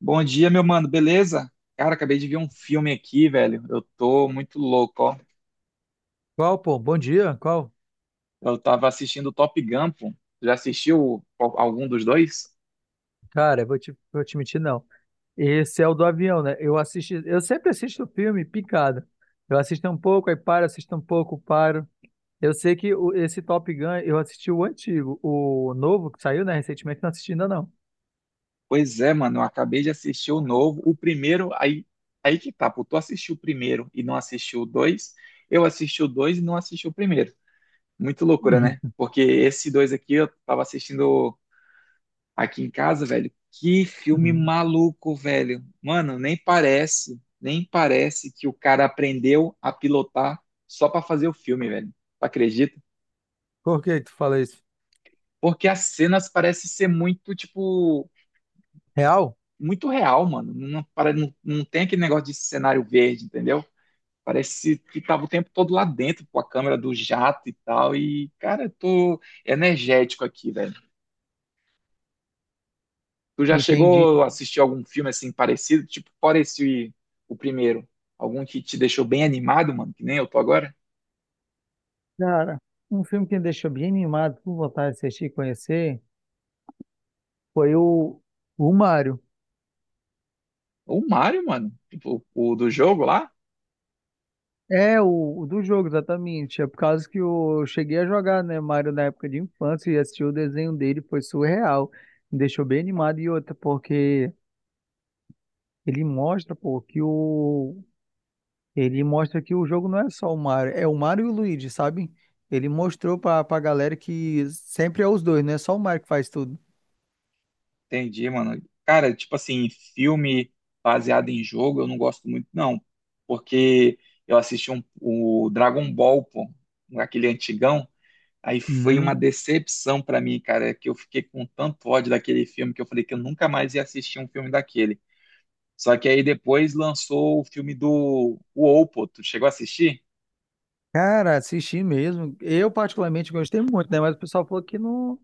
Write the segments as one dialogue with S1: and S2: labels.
S1: Bom dia, meu mano, beleza? Cara, acabei de ver um filme aqui, velho. Eu tô muito louco, ó.
S2: Qual, pô? Bom dia? Qual?
S1: Eu tava assistindo Top Gun, pô. Já assistiu algum dos dois?
S2: Cara, vou te mentir, não. Esse é o do avião, né? Eu assisti, eu sempre assisto o filme picado. Eu assisto um pouco, aí paro, assisto um pouco, paro. Eu sei que esse Top Gun, eu assisti o antigo, o novo que saiu, né, recentemente, não assisti ainda não.
S1: Pois é, mano, eu acabei de assistir o novo. O primeiro, aí, aí que tá, pô. Tu assistiu o primeiro e não assistiu o dois. Eu assisti o dois e não assisti o primeiro. Muito loucura, né?
S2: Uhum,
S1: Porque esse dois aqui eu tava assistindo. Aqui em casa, velho, que filme
S2: uhum.
S1: maluco, velho. Mano, nem parece que o cara aprendeu a pilotar só pra fazer o filme, velho. Tu acredita?
S2: Por que que tu fala isso?
S1: Porque as cenas parecem ser muito, tipo,
S2: Real?
S1: muito real, mano. Não, não, não tem aquele negócio de cenário verde, entendeu? Parece que tava o tempo todo lá dentro, com a câmera do jato e tal. E, cara, eu tô energético aqui, velho. Tu já
S2: Entendi.
S1: chegou a assistir algum filme assim parecido? Tipo, fora esse o primeiro. Algum que te deixou bem animado, mano, que nem eu tô agora?
S2: Cara, um filme que me deixou bem animado, com vontade de assistir e conhecer, foi o, o Mário.
S1: O Mario, mano. Tipo, o do jogo lá?
S2: É, o do jogo, exatamente. É por causa que eu cheguei a jogar, né, Mario na época de infância e assisti o desenho dele, foi surreal. Me deixou bem animado. E outra, porque ele mostra, pô, que o. Ele mostra que o jogo não é só o Mario, é o Mario e o Luigi, sabe? Ele mostrou pra galera que sempre é os dois, não é só o Mario que faz tudo.
S1: Entendi, mano. Cara, tipo assim, filme baseado em jogo eu não gosto muito, não. Porque eu assisti um, o Dragon Ball, pô, aquele antigão. Aí foi
S2: Uhum.
S1: uma decepção pra mim, cara, que eu fiquei com tanto ódio daquele filme que eu falei que eu nunca mais ia assistir um filme daquele. Só que aí depois lançou o filme do o Oppo, tu chegou a assistir?
S2: Cara, assisti mesmo. Eu, particularmente, gostei muito, né? Mas o pessoal falou que não,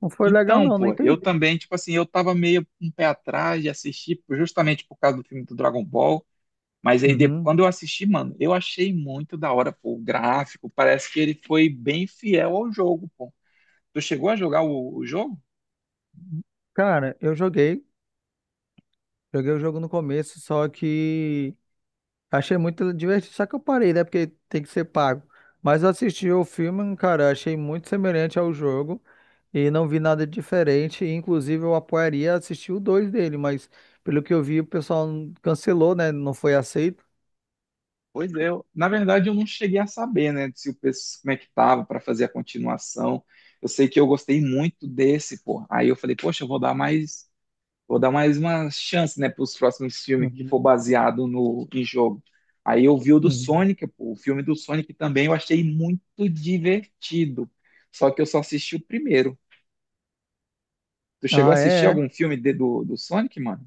S2: não foi legal,
S1: Então,
S2: não, não
S1: pô, eu
S2: entendi.
S1: também, tipo assim, eu tava meio um pé atrás de assistir pô, justamente por causa do filme do Dragon Ball, mas aí depois,
S2: Uhum.
S1: quando eu assisti, mano, eu achei muito da hora, pô, o gráfico, parece que ele foi bem fiel ao jogo, pô. Tu chegou a jogar o jogo?
S2: Cara, eu joguei. Joguei o jogo no começo, só que achei muito divertido, só que eu parei, né? Porque tem que ser pago. Mas eu assisti o filme, cara, achei muito semelhante ao jogo e não vi nada de diferente. E, inclusive, eu apoiaria assistir o 2 dele, mas pelo que eu vi, o pessoal cancelou, né? Não foi aceito.
S1: Pois é, na verdade eu não cheguei a saber, né, se o como é que tava pra fazer a continuação. Eu sei que eu gostei muito desse, pô. Aí eu falei, poxa, eu vou dar mais Vou dar mais uma chance, né, para os próximos filmes que for
S2: Uhum.
S1: baseado no em jogo. Aí eu vi o do
S2: Uhum.
S1: Sonic, pô, o filme do Sonic também eu achei muito divertido. Só que eu só assisti o primeiro. Tu chegou a
S2: Ah,
S1: assistir
S2: é?
S1: algum
S2: É.
S1: filme do Sonic, mano?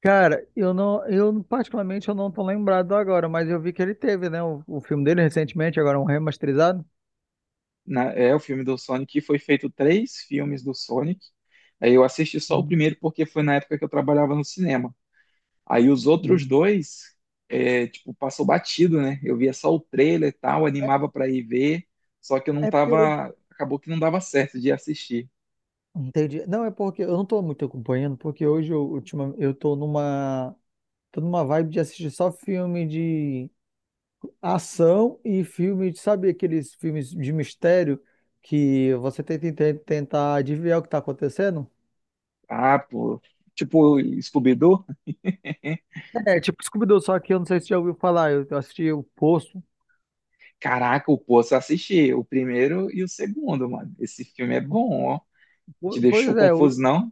S2: Cara, eu não, eu particularmente eu não tô lembrado agora, mas eu vi que ele teve, né? O filme dele recentemente, agora um remasterizado.
S1: É, o filme do Sonic foi feito três filmes do Sonic. Aí eu assisti só o
S2: Uhum.
S1: primeiro porque foi na época que eu trabalhava no cinema. Aí os outros
S2: Uhum.
S1: dois, é, tipo, passou batido, né? Eu via só o trailer e tal, animava pra ir ver, só que eu não
S2: É porque eu,
S1: tava, acabou que não dava certo de assistir.
S2: Entendi. Não, é porque eu não tô muito acompanhando, porque hoje eu, eu tô numa vibe de assistir só filme de ação e filme, sabe aqueles filmes de mistério que você tenta tentar adivinhar o que tá acontecendo?
S1: Ah, pô, tipo, Scooby-Doo? Né?
S2: É, tipo Scooby-Doo, só que eu não sei se já ouviu falar, eu assisti o Poço.
S1: Caraca, o só assisti o primeiro e o segundo, mano. Esse filme é bom, ó. Te deixou
S2: Pois é,
S1: confuso, não?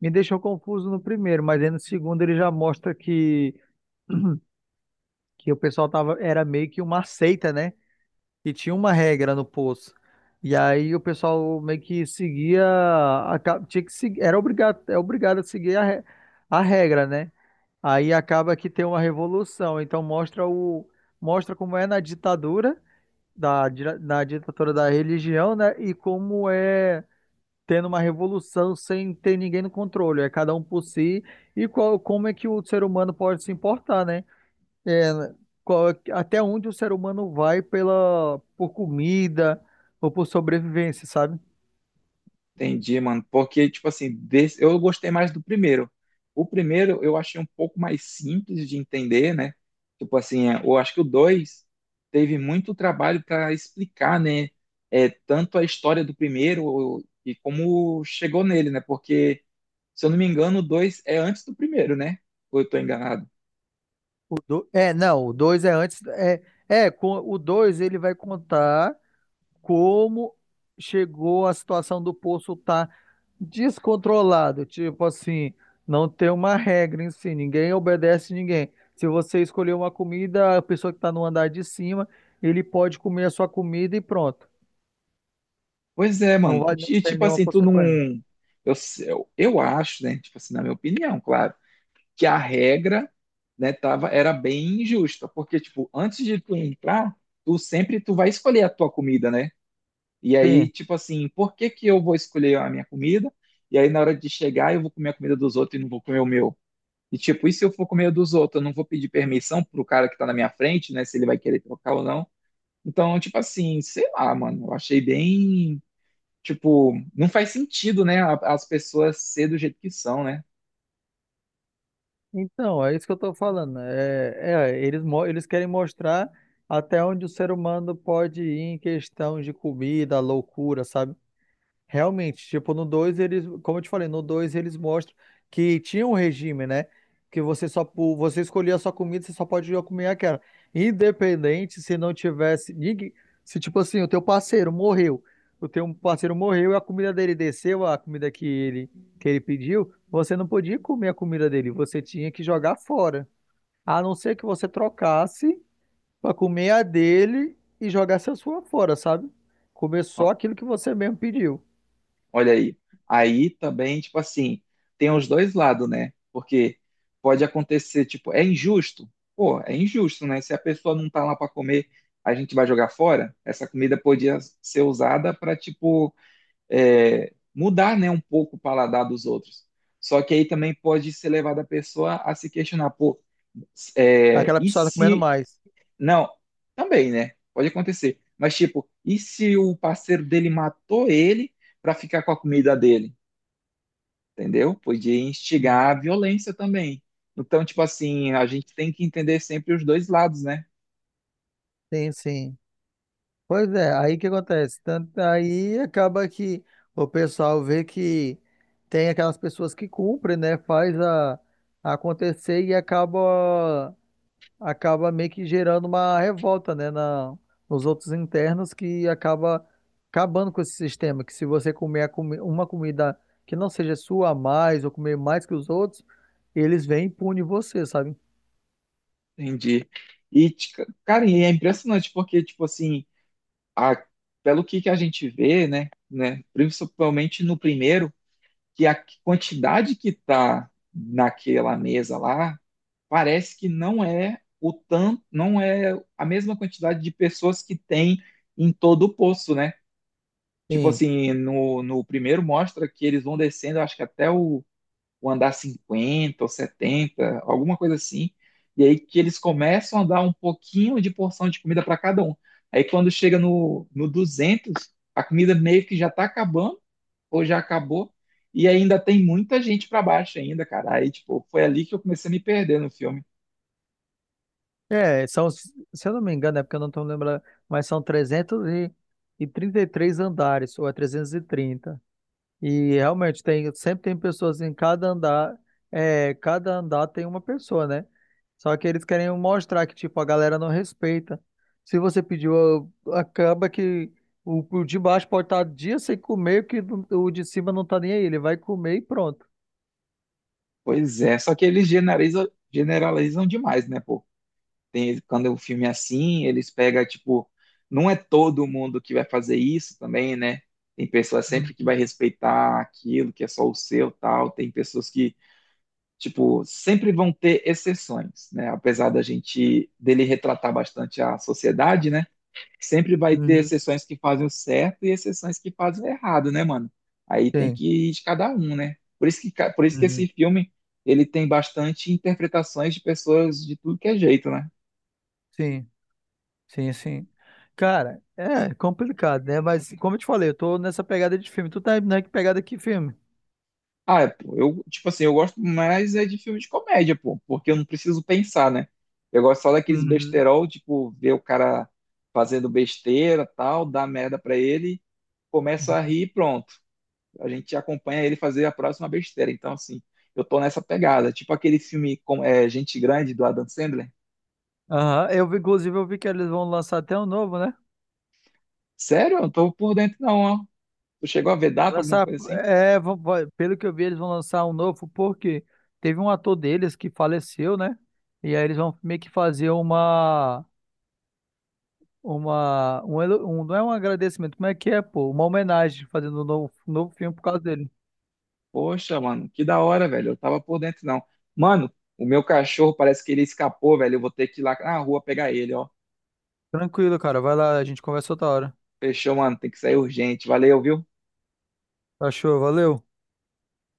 S2: me deixou confuso no primeiro, mas aí no segundo ele já mostra que o pessoal tava, era meio que uma seita, né? E tinha uma regra no poço. E aí o pessoal meio que seguia, tinha que seguir, era obrigado, é obrigado a seguir a regra, né? Aí acaba que tem uma revolução. Então mostra o, mostra como é na ditadura na ditadura da religião, né? E como é tendo uma revolução sem ter ninguém no controle. É cada um por si e qual, como é que o ser humano pode se importar, né? É, né? Até onde o ser humano vai pela por comida ou por sobrevivência, sabe?
S1: Entendi, mano. Porque, tipo assim, eu gostei mais do primeiro. O primeiro eu achei um pouco mais simples de entender, né? Tipo assim, é, eu acho que o dois teve muito trabalho para explicar, né? É, tanto a história do primeiro e como chegou nele, né? Porque, se eu não me engano, o dois é antes do primeiro, né? Ou eu tô enganado?
S2: É, não, o 2 é antes, o 2 ele vai contar como chegou a situação do poço estar descontrolado, tipo assim, não tem uma regra em si, ninguém obedece ninguém. Se você escolher uma comida, a pessoa que está no andar de cima, ele pode comer a sua comida e pronto.
S1: Pois é,
S2: Não
S1: mano.
S2: vai, não
S1: E,
S2: tem
S1: tipo
S2: nenhuma
S1: assim, tu não.
S2: consequência.
S1: Eu, eu acho, né? Tipo assim, na minha opinião, claro que a regra, né, tava, era bem injusta, porque, tipo, antes de tu entrar, tu sempre tu vai escolher a tua comida, né? E aí,
S2: Sim.
S1: tipo assim, por que que eu vou escolher a minha comida? E aí, na hora de chegar, eu vou comer a comida dos outros e não vou comer o meu. E tipo, e se eu for comer a dos outros, eu não vou pedir permissão pro cara que tá na minha frente, né? Se ele vai querer trocar ou não. Então, tipo assim, sei lá, mano, eu achei bem, tipo, não faz sentido, né? As pessoas ser do jeito que são, né?
S2: Então, é isso que eu estou falando, né? Eles, eles querem mostrar até onde o ser humano pode ir em questão de comida, loucura, sabe? Realmente, tipo, no 2 eles, como eu te falei, no 2 eles mostram que tinha um regime, né? Que você você escolhia a sua comida, você só pode comer aquela. Independente se não tivesse ninguém, se tipo assim, o teu parceiro morreu, o teu parceiro morreu e a comida dele desceu, a comida que ele pediu, você não podia comer a comida dele, você tinha que jogar fora. A não ser que você trocasse para comer a dele e jogasse a sua fora, sabe? Comer só aquilo que você mesmo pediu.
S1: Olha aí. Aí também, tipo assim, tem os dois lados, né? Porque pode acontecer, tipo, é injusto? Pô, é injusto, né? Se a pessoa não tá lá para comer, a gente vai jogar fora? Essa comida podia ser usada para, tipo, é, mudar, né, um pouco o paladar dos outros. Só que aí também pode ser levado a pessoa a se questionar, pô, é,
S2: Aquela
S1: e
S2: pessoa tá comendo
S1: se.
S2: mais.
S1: Não, também, né? Pode acontecer. Mas, tipo, e se o parceiro dele matou ele para ficar com a comida dele? Entendeu? Podia
S2: Uhum.
S1: instigar a violência também. Então, tipo assim, a gente tem que entender sempre os dois lados, né?
S2: Sim, sim. Pois é, aí que acontece? Tanto aí acaba que o pessoal vê que tem aquelas pessoas que cumprem, né? Acontecer e acaba meio que gerando uma revolta, né? Na, nos outros internos que acabando com esse sistema. Que se você comer uma comida que não seja sua a mais ou comer mais que os outros, eles vêm e punem você, sabe?
S1: Entendi. E, cara, e é impressionante porque, tipo assim, a- pelo que a gente vê, né, principalmente no primeiro, que a quantidade que tá naquela mesa lá, parece que não é o tanto, não é a mesma quantidade de pessoas que tem em todo o poço, né? Tipo
S2: Sim.
S1: assim, no primeiro mostra que eles vão descendo, acho que até o andar 50 ou 70 alguma coisa assim. E aí que eles começam a dar um pouquinho de porção de comida para cada um. Aí quando chega no 200 a comida meio que já tá acabando, ou já acabou, e ainda tem muita gente para baixo ainda, cara. Aí, tipo, foi ali que eu comecei a me perder no filme.
S2: É, são, se eu não me engano, é porque eu não estou lembrando, mas são trezentos e trinta e três andares, ou é 330. E trinta. E realmente tem, sempre tem pessoas em cada andar, é, cada andar tem uma pessoa, né? Só que eles querem mostrar que, tipo, a galera não respeita. Se você pediu, acaba que o de baixo pode estar dias sem comer, que o de cima não tá nem aí, ele vai comer e pronto.
S1: Pois é, só que eles generalizam, generalizam demais, né, pô? Tem, quando o filme é assim, eles pegam, tipo, não é todo mundo que vai fazer isso também, né? Tem pessoas sempre que
S2: Uhum.
S1: vai respeitar aquilo que é só o seu, tal. Tem pessoas que, tipo, sempre vão ter exceções, né? Apesar da gente dele retratar bastante a sociedade, né? Sempre vai ter
S2: Uhum.
S1: exceções que fazem o certo e exceções que fazem o errado, né, mano? Aí tem
S2: Sim.
S1: que ir de cada um, né? Por isso que, por isso que
S2: Uhum.
S1: esse filme ele tem bastante interpretações de pessoas de tudo que é jeito, né?
S2: Sim. Sim, sim. Cara, é complicado, né? Mas como eu te falei, eu tô nessa pegada de filme. Tu tá na que pegada que filme?
S1: Ah, é, pô, eu, tipo assim, eu gosto mais é de filme de comédia, pô, porque eu não preciso pensar, né? Eu gosto só daqueles
S2: Uhum.
S1: besterol, tipo, ver o cara fazendo besteira, tal, dá merda pra ele, começa a rir e pronto. A gente acompanha ele fazer a próxima besteira. Então, assim, eu tô nessa pegada. Tipo aquele filme com, é, Gente Grande, do Adam Sandler.
S2: Aham, eu vi, inclusive, eu vi que eles vão lançar até um novo, né?
S1: Sério? Eu não tô por dentro não, ó. Tu chegou a ver
S2: Vai
S1: data, alguma
S2: lançar,
S1: coisa assim?
S2: é, pelo que eu vi, eles vão lançar um novo, porque teve um ator deles que faleceu, né? E aí eles vão meio que fazer uma, um, elo- um- não é um agradecimento, como é que é, pô? Uma homenagem, fazendo um novo filme por causa dele.
S1: Poxa, mano, que da hora, velho. Eu tava por dentro, não. Mano, o meu cachorro parece que ele escapou, velho. Eu vou ter que ir lá na rua pegar ele, ó.
S2: Tranquilo, cara, vai lá, a gente conversa outra hora.
S1: Fechou, mano. Tem que sair urgente. Valeu, viu?
S2: Achou, valeu.